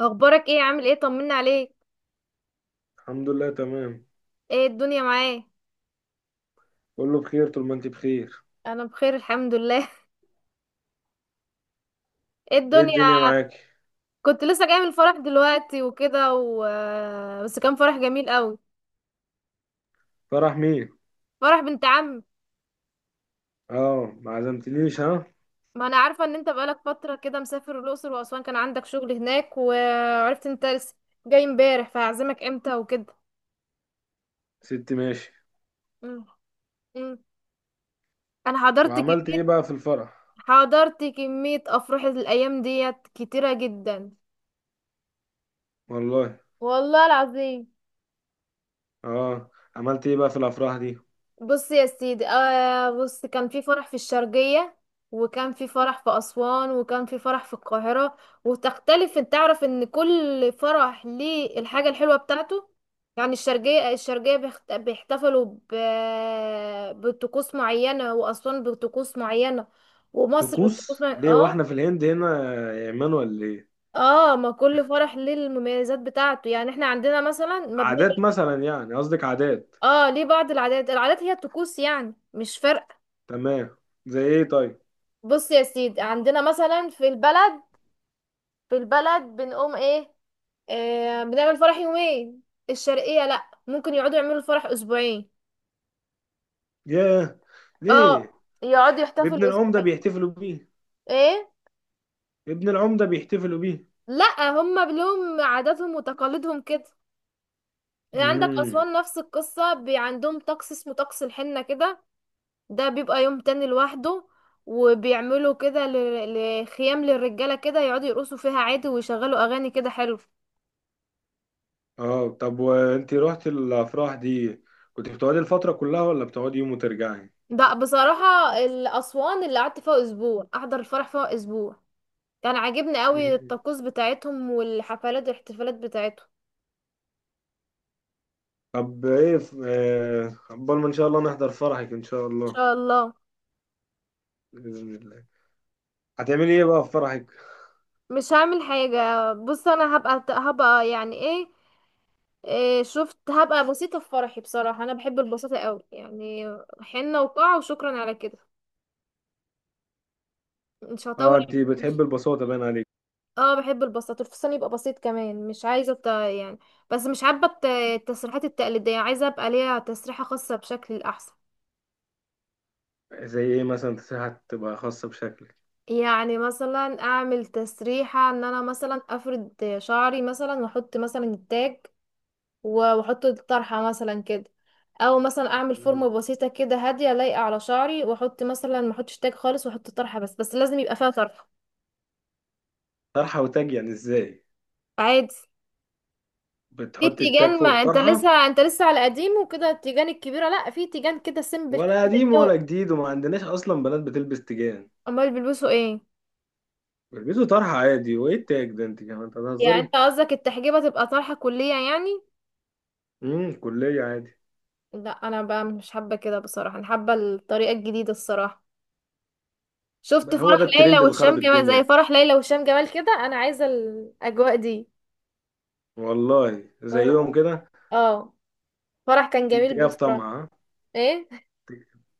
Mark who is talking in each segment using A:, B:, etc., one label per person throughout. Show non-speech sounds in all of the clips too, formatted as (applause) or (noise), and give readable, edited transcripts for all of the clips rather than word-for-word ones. A: اخبارك ايه؟ عامل ايه؟ طمنا عليك.
B: الحمد لله تمام،
A: ايه الدنيا معاك؟
B: كله بخير طول ما انت بخير.
A: انا بخير الحمد لله. (laughs) ايه
B: ايه
A: الدنيا؟
B: الدنيا معاكي؟
A: كنت لسه جايه من الفرح دلوقتي وكده. (laughs) بس كان فرح جميل قوي.
B: فرح مين؟
A: فرح بنت عم.
B: اه ما عزمتنيش ها.
A: ما انا عارفه ان انت بقالك فتره كده مسافر الاقصر واسوان، كان عندك شغل هناك، وعرفت انت لسه جاي امبارح، فهعزمك امتى وكده؟
B: ست ماشي.
A: مم. مم. انا حضرت
B: وعملت ايه
A: كميه
B: بقى في الفرح؟
A: حضرت كميه افراح الايام ديت كتيره جدا.
B: والله.
A: والله العظيم.
B: اه عملت ايه بقى في الافراح دي؟
A: بص يا سيدي، آه بص كان في فرح في الشرقية، وكان في فرح في أسوان، وكان في فرح في القاهرة. وتختلف، انت تعرف ان كل فرح ليه الحاجة الحلوة بتاعته. يعني الشرقية بيحتفلوا بطقوس معينة، وأسوان بطقوس معينة، ومصر بطقوس
B: طقوس
A: معينة.
B: ليه
A: اه.
B: واحنا في الهند هنا يا ايمان ولا ايه؟
A: اه، ما كل فرح ليه المميزات بتاعته، يعني احنا عندنا مثلا ما
B: عادات
A: بنعمل.
B: مثلا، يعني قصدك عادات؟
A: اه، ليه بعض العادات، العادات هي الطقوس يعني، مش فارقة.
B: تمام. زي ايه طيب؟
A: بص يا سيدي، عندنا مثلا في البلد. بنقوم ايه؟ آه، بنعمل فرح يومين. الشرقية لا، ممكن يقعدوا يعملوا الفرح اسبوعين.
B: ياه.
A: اه،
B: ليه؟
A: يقعدوا
B: ابن
A: يحتفلوا
B: العمده
A: اسبوعين.
B: بيحتفلوا بيه؟
A: ايه.
B: ابن العمده بيحتفلوا بيه؟
A: لا، هما لهم عاداتهم وتقاليدهم كده. يعني عندك
B: مم.
A: اسوان نفس القصة، عندهم طقس اسمه طقس الحنة كده. ده بيبقى يوم تاني لوحده. وبيعملوا كده لخيام للرجالة كده، يقعدوا يرقصوا فيها عادي، ويشغلوا اغاني كده حلو.
B: اه طب وانت رحت الافراح دي كنت بتقعدي الفتره كلها ولا بتقعدي يوم وترجعي؟
A: ده بصراحة الأسوان اللي قعدت فيها أسبوع، أحضر الفرح فيها أسبوع. كان عاجبني قوي
B: مم.
A: الطقوس بتاعتهم والحفلات والاحتفالات بتاعتهم.
B: طب ايه عقبال ما ان شاء الله نحضر فرحك ان شاء
A: إن
B: الله.
A: شاء الله.
B: باذن الله. هتعملي ايه بقى في فرحك؟
A: مش هعمل حاجة. بص، أنا هبقى يعني إيه، إيه شفت، هبقى بسيطة في فرحي. بصراحة أنا بحب البساطة قوي يعني، حنة وقاعة وشكرا على كده. مش
B: اه
A: هطول.
B: انت
A: مش-
B: بتحبي البساطه باين عليك.
A: اه، بحب البساطة، الفستان يبقى بسيط كمان، مش عايزة يعني. بس مش حابة التسريحات التقليدية، عايزة أبقى ليها تسريحة خاصة بشكل أحسن.
B: زي ايه مثلا؟ تسيحة تبقى خاصه بشكلك؟
A: يعني مثلا اعمل تسريحة ان انا مثلا افرد شعري مثلا، واحط مثلا التاج و- واحط الطرحة مثلا كده. او مثلا اعمل
B: مم.
A: فورمة بسيطة كده، هادية لايقة على شعري، واحط مثلا، ما احطش تاج خالص، واحط طرحة بس، بس لازم يبقى فيها طرحة.
B: طرحه وتاج يعني ازاي؟
A: عادي. في
B: بتحطي التاج
A: تيجان،
B: فوق
A: ما انت
B: الطرحه؟
A: لسه انت لسه على قديم وكده، التيجان الكبيرة لا، في تيجان كده سيمبل
B: ولا قديم
A: كده.
B: ولا جديد وما عندناش اصلا بنات بتلبس تيجان.
A: امال بيلبسوا ايه؟
B: بيلبسوا طرحه عادي، وايه التاج ده؟ انت كمان أنت
A: يعني
B: بتهزري.
A: انت قصدك التحجيبة تبقى طرحة كلية يعني؟
B: امم، كليه عادي.
A: لا انا بقى مش حابة كده بصراحة، انا حابة الطريقة الجديدة الصراحة. شفت
B: بقى هو
A: فرح
B: ده
A: ليلى
B: الترند اللي
A: وهشام
B: خرب
A: جمال؟ زي
B: الدنيا؟
A: فرح ليلى وهشام جمال كده، انا عايزه الاجواء دي.
B: والله زيهم كده.
A: اه. فرح كان جميل
B: تجاه في
A: بصراحه.
B: طمع ها؟
A: ايه.
B: ت-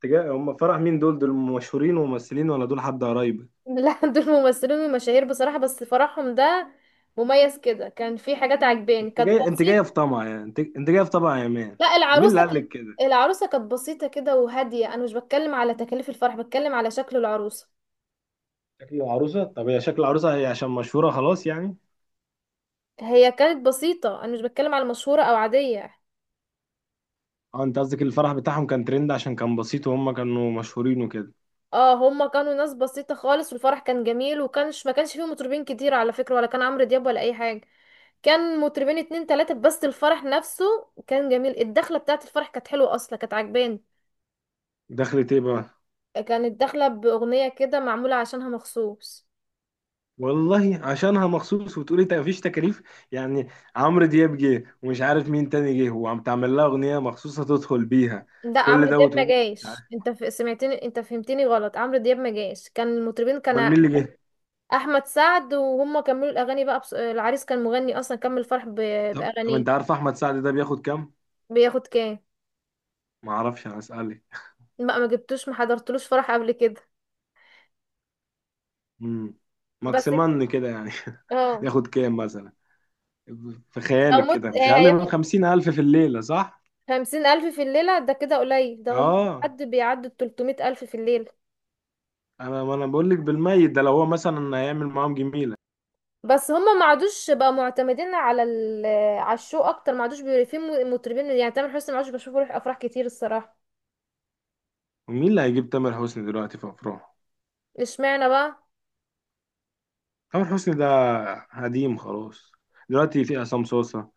B: تجاه هم فرح مين؟ دول مشهورين وممثلين ولا دول حد قرايبك؟
A: (laughs) لا، دول ممثلين ومشاهير بصراحه، بس فرحهم ده مميز كده، كان في حاجات عجباني،
B: انت
A: كانت
B: جاي، انت
A: بسيط.
B: جايه في طمع يعني، انت جايه في طمع يا مان.
A: لا،
B: مين اللي قال لك كده؟
A: العروسه كانت بسيطه كده وهاديه، انا مش بتكلم على تكاليف الفرح، بتكلم على شكل العروسه.
B: شكل العروسه؟ طب هي شكل العروسه هي عشان مشهوره خلاص يعني؟
A: هي كانت بسيطه، انا مش بتكلم على مشهوره او عاديه.
B: اه انت قصدك الفرح بتاعهم كان ترند عشان كان بسيط وهم كانوا مشهورين وكده.
A: اه، هما كانوا ناس بسيطة خالص، والفرح كان جميل، ما كانش فيه مطربين كتير على فكرة، ولا كان عمرو دياب ولا اي حاجة. كان مطربين اتنين تلاتة بس. الفرح نفسه كان جميل، الدخلة بتاعة الفرح كانت حلوة اصلا، كانت عجباني.
B: دخلت ايه بقى؟
A: كانت داخلة بأغنية كده معمولة عشانها مخصوص.
B: والله عشانها مخصوص وتقولي مفيش تكاليف يعني؟ عمرو دياب جه ومش عارف مين تاني جه وعم تعمل لها اغنيه مخصوصه تدخل بيها.
A: لا،
B: كل
A: عمرو
B: ده
A: دياب ما
B: وتقولي مش
A: جايش،
B: عارف.
A: انت سمعتني، انت فهمتني غلط، عمرو دياب ما جايش، كان المطربين
B: امال مين اللي جه؟
A: احمد سعد، وهم كملوا الاغاني بقى. العريس كان مغني اصلا، كمل الفرح
B: طب طب
A: باغانيه.
B: انت عارف احمد سعد ده بياخد كام؟
A: بياخد كام؟
B: ما اعرفش انا اسالك.
A: لا، ما جبتوش، ما حضرتلوش فرح قبل كده.
B: امم،
A: بس.
B: ماكسيمان كده يعني. (laughs)
A: اه.
B: ياخد كام مثلا في
A: لو
B: خيالك
A: مت
B: كده؟ مش اقل من
A: هياخد
B: 50,000 في الليله صح؟
A: 50,000 في الليلة، ده كده قليل، ده هم
B: اه.
A: حد بيعدوا 300,000 في الليلة.
B: انا ما انا بقول لك بالميت، ده لو هو مثلا هيعمل معاهم جميله.
A: بس هم ما عادوش بقى معتمدين على على الشو أكتر، ما عادوش في مطربين يعني، تامر حسني ما عادش بشوفه يروح أفراح كتير الصراحة.
B: ومين اللي هيجيب تامر حسني دلوقتي في افراح؟
A: اشمعنى بقى؟
B: تامر حسني ده قديم خلاص. دلوقتي في عصام صوصة،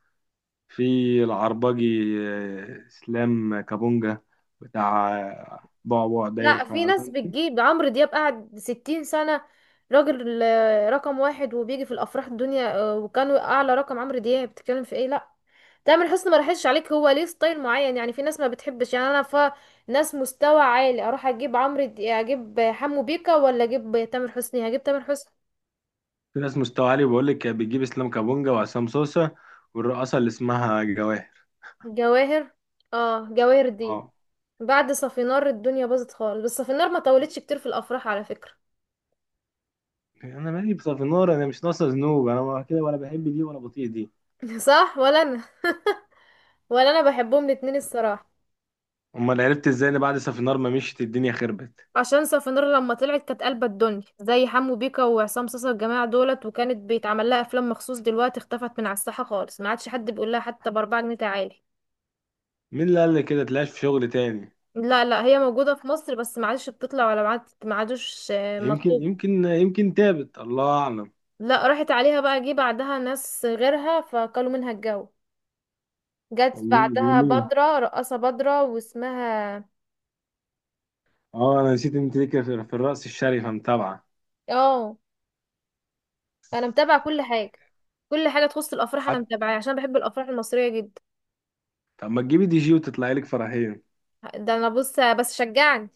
B: في العربجي، اسلام كابونجا، بتاع بعبع داير
A: لا،
B: في،
A: في
B: عارف
A: ناس
B: انت.
A: بتجيب عمرو دياب، قعد 60 سنة راجل، رقم واحد، وبيجي في الأفراح الدنيا، وكان أعلى رقم، عمرو دياب بتتكلم في ايه؟ لا، تامر حسني ما راحش عليك، هو ليه ستايل معين يعني، في ناس ما بتحبش يعني، انا ناس مستوى عالي، اروح اجيب اجيب حمو بيكا ولا اجيب تامر حسني؟ هجيب تامر حسني.
B: في ناس مستوى عالي بقول لك بتجيب اسلام كابونجا وعصام صوصة والرقاصة اللي اسمها جواهر.
A: جواهر. اه، جواهر دي.
B: اه.
A: بعد صافينار الدنيا باظت خالص، بس صافينار ما طولتش كتير في الافراح على فكرة.
B: انا مالي بصافينار؟ انا مش ناقصه ذنوب، انا ما كده، ولا بحب دي ولا بطيء دي.
A: (laughs) صح. ولا انا. (laughs) ولا انا بحبهم الاتنين الصراحة.
B: امال عرفت ازاي ان بعد صافينار ما مشيت الدنيا خربت؟
A: عشان صافينار لما طلعت كانت قلبة الدنيا، زي حمو بيكا وعصام صاصا، الجماعة دولت، وكانت بيتعمل لها افلام مخصوص، دلوقتي اختفت من على الساحة خالص، ما عادش حد بيقول لها حتى ب4 جنيه تعالي.
B: مين اللي قال لي كده؟ تلاش في شغل تاني.
A: لا لا، هي موجودة في مصر، بس ما عادش بتطلع، ولا ما عادوش
B: يمكن
A: مطلوب.
B: يمكن يمكن تابت، الله اعلم.
A: لا، راحت عليها بقى، جه بعدها ناس غيرها فكلوا منها الجو. جت
B: والله زي
A: بعدها
B: مين؟
A: بدرة، رقاصة بدرة، واسمها.
B: اه انا نسيت انت ليك في الرأس الشريفة متابعة.
A: اه، انا متابعة كل حاجة. كل حاجة تخص الافراح انا
B: حتى؟
A: متابعاها عشان بحب الافراح المصرية جدا.
B: طب ما تجيبي دي جي وتطلعي لك فرحين.
A: ده انا بص، بس شجعني.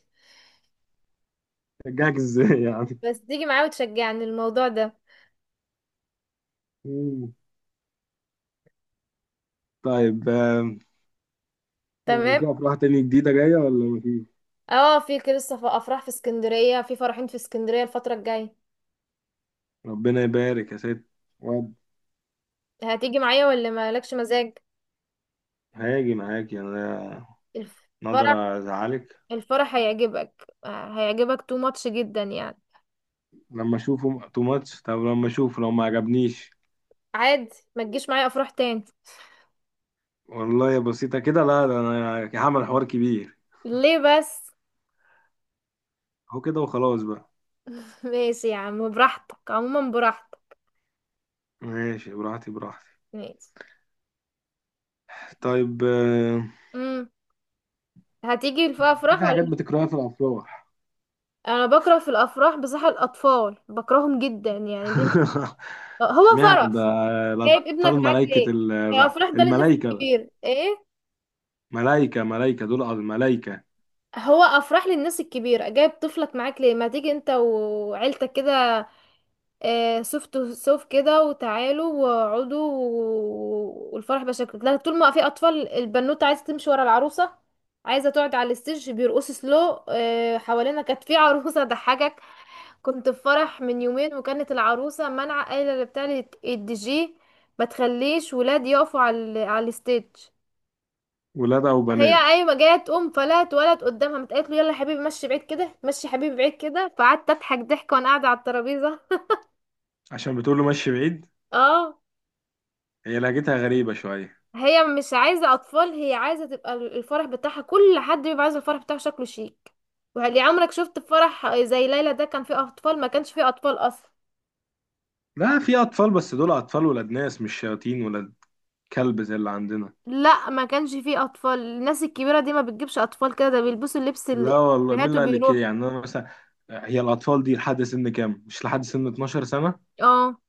B: جاك ازاي يعني؟
A: بس تيجي معايا وتشجعني الموضوع ده.
B: مم. طيب يعني
A: تمام.
B: في افراح تانية جديدة جاية ولا مفيش؟
A: اه في كده، لسه في افراح في اسكندرية، في فرحين في اسكندرية الفترة الجاية.
B: ربنا يبارك يا ست. واد،
A: هتيجي معايا ولا مالكش مزاج؟
B: هاجي معاكي انا،
A: الفرح
B: نقدر ازعلك؟
A: الفرح هيعجبك، هيعجبك تو ماتش جدا يعني.
B: لما اشوفه تو ماتش. طب لما اشوفه لو ما عجبنيش؟
A: عادي، ما تجيش معايا افراح تاني.
B: والله يا بسيطة كده؟ لا، ده انا هعمل حوار كبير.
A: ليه بس؟
B: هو كده وخلاص بقى.
A: (laughs) ماشي يا عم براحتك، عموما براحتك.
B: ماشي، براحتي براحتي.
A: ماشي.
B: طيب
A: امم هتيجي في افراح
B: في
A: ولا
B: حاجات
A: مش؟
B: بتكرهها في الافراح؟
A: انا بكره في الافراح بصراحه، الاطفال بكرههم جدا يعني دي.
B: (laughs)
A: هو
B: اشمعنى ده؟
A: فرح؟ جايب
B: الأطفال
A: ابنك معاك
B: ملايكة
A: ليه؟ هي افراح ده للناس
B: الملايكة.
A: الكبيره ايه؟
B: ملايكة ملايكة دول الملايكة.
A: هو افراح للناس الكبيره، جايب طفلك معاك ليه؟ ما تيجي انت وعيلتك كده، آه، صف كده وتعالوا واقعدوا والفرح بشكل، لا، طول ما في اطفال، البنوته عايزه تمشي ورا العروسه، عايزه تقعد على الستيج بيرقصوا سلو. آه، حوالينا كانت في عروسه (laughs) ضحكك. كنت في فرح من يومين، وكانت العروسه منع قايله بتاع الدي جي ما تخليش ولاد يقفوا على على الستيج.
B: ولاد أو
A: هي
B: بنات؟
A: قايمه جايه تقوم فلا اتولد قدامها، متقالت له يلا يا حبيبي مشي بعيد كده، مشي يا حبيبي بعيد كده، فقعدت اضحك ضحك وانا قاعده على الترابيزه.
B: عشان بتقول له مشي بعيد؟
A: اه.
B: هي لهجتها غريبة شوية.
A: هي مش عايزة أطفال، هي عايزة تبقى الفرح بتاعها، كل حد بيبقى عايز الفرح بتاعه شكله شيك. وهل عمرك شفت فرح زي ليلى ده كان فيه أطفال ما كانش فيه أطفال أصلا؟
B: لا في أطفال، بس دول أطفال ولاد ناس، مش شياطين ولاد كلب زي اللي عندنا.
A: لا، ما كانش فيه أطفال، الناس الكبيرة دي ما بتجيبش أطفال كده، ده بيلبسوا اللبس
B: لا
A: اللي
B: والله، مين
A: هاتوا
B: اللي قال لك كده
A: بيروحوا.
B: يعني؟ أنا مثلا، هي الأطفال دي لحد سن كام؟ مش لحد سن 12 سنة؟
A: اه.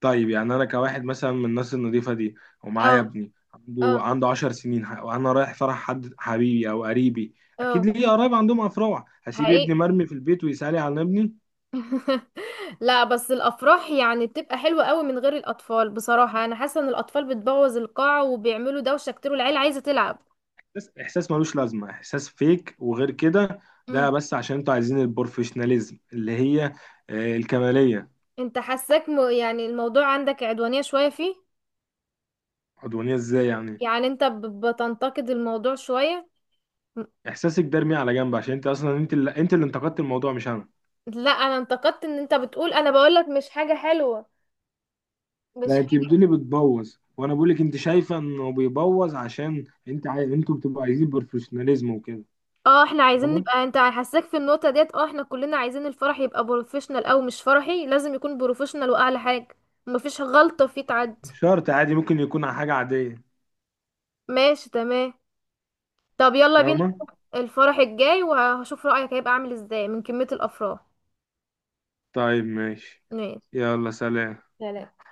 B: طيب يعني انا كواحد مثلا من الناس النظيفه دي
A: اه.
B: ومعايا ابني
A: اه.
B: عنده 10 سنين وانا رايح فرح حد حبيبي او قريبي، اكيد
A: اه.
B: ليه قرايب عندهم افراح، هسيب
A: حقيقي.
B: ابني مرمي في البيت ويسالي على ابني؟
A: (laughs) لا بس الافراح يعني بتبقى حلوه قوي من غير الاطفال بصراحه، انا حاسه ان الاطفال بتبوظ القاعه وبيعملوا دوشه كتير، والعيله عايزه تلعب.
B: بس احساس ملوش لازمه، احساس فيك وغير كده. ده بس عشان انتوا عايزين البروفيشناليزم اللي هي الكماليه.
A: انت حاساك يعني الموضوع عندك عدوانية شوية فيه.
B: عدوانيه ازاي يعني؟
A: يعني انت بتنتقد الموضوع شوية. م-
B: احساسك ده ارميه على جنب عشان انت اصلا انت اللي انتقدت الموضوع مش انا.
A: لا، انا انتقدت ان انت بتقول، انا بقولك مش حاجة حلوة، مش
B: لا انت
A: حاجة.
B: بتقولي بتبوظ وانا بقولك انت شايفه انه بيبوظ عشان انت انتوا بتبقوا عايزين بروفيشناليزم وكده.
A: اه احنا عايزين
B: فاهمه.
A: نبقى، انت حاساك في النقطة ديت، اه احنا كلنا عايزين الفرح يبقى بروفيشنال، او مش فرحي لازم يكون بروفيشنال واعلى حاجة. مفيش غلطة فيه تعدي.
B: مش شرط، عادي ممكن يكون حاجه عاديه.
A: ماشي تمام. طب يلا بينا
B: فاهمه.
A: الفرح الجاي، وهشوف رأيك هيبقى عامل ازاي من كمية الافراح.
B: طيب ماشي.
A: ماشي.
B: يلا سلام.
A: سلام.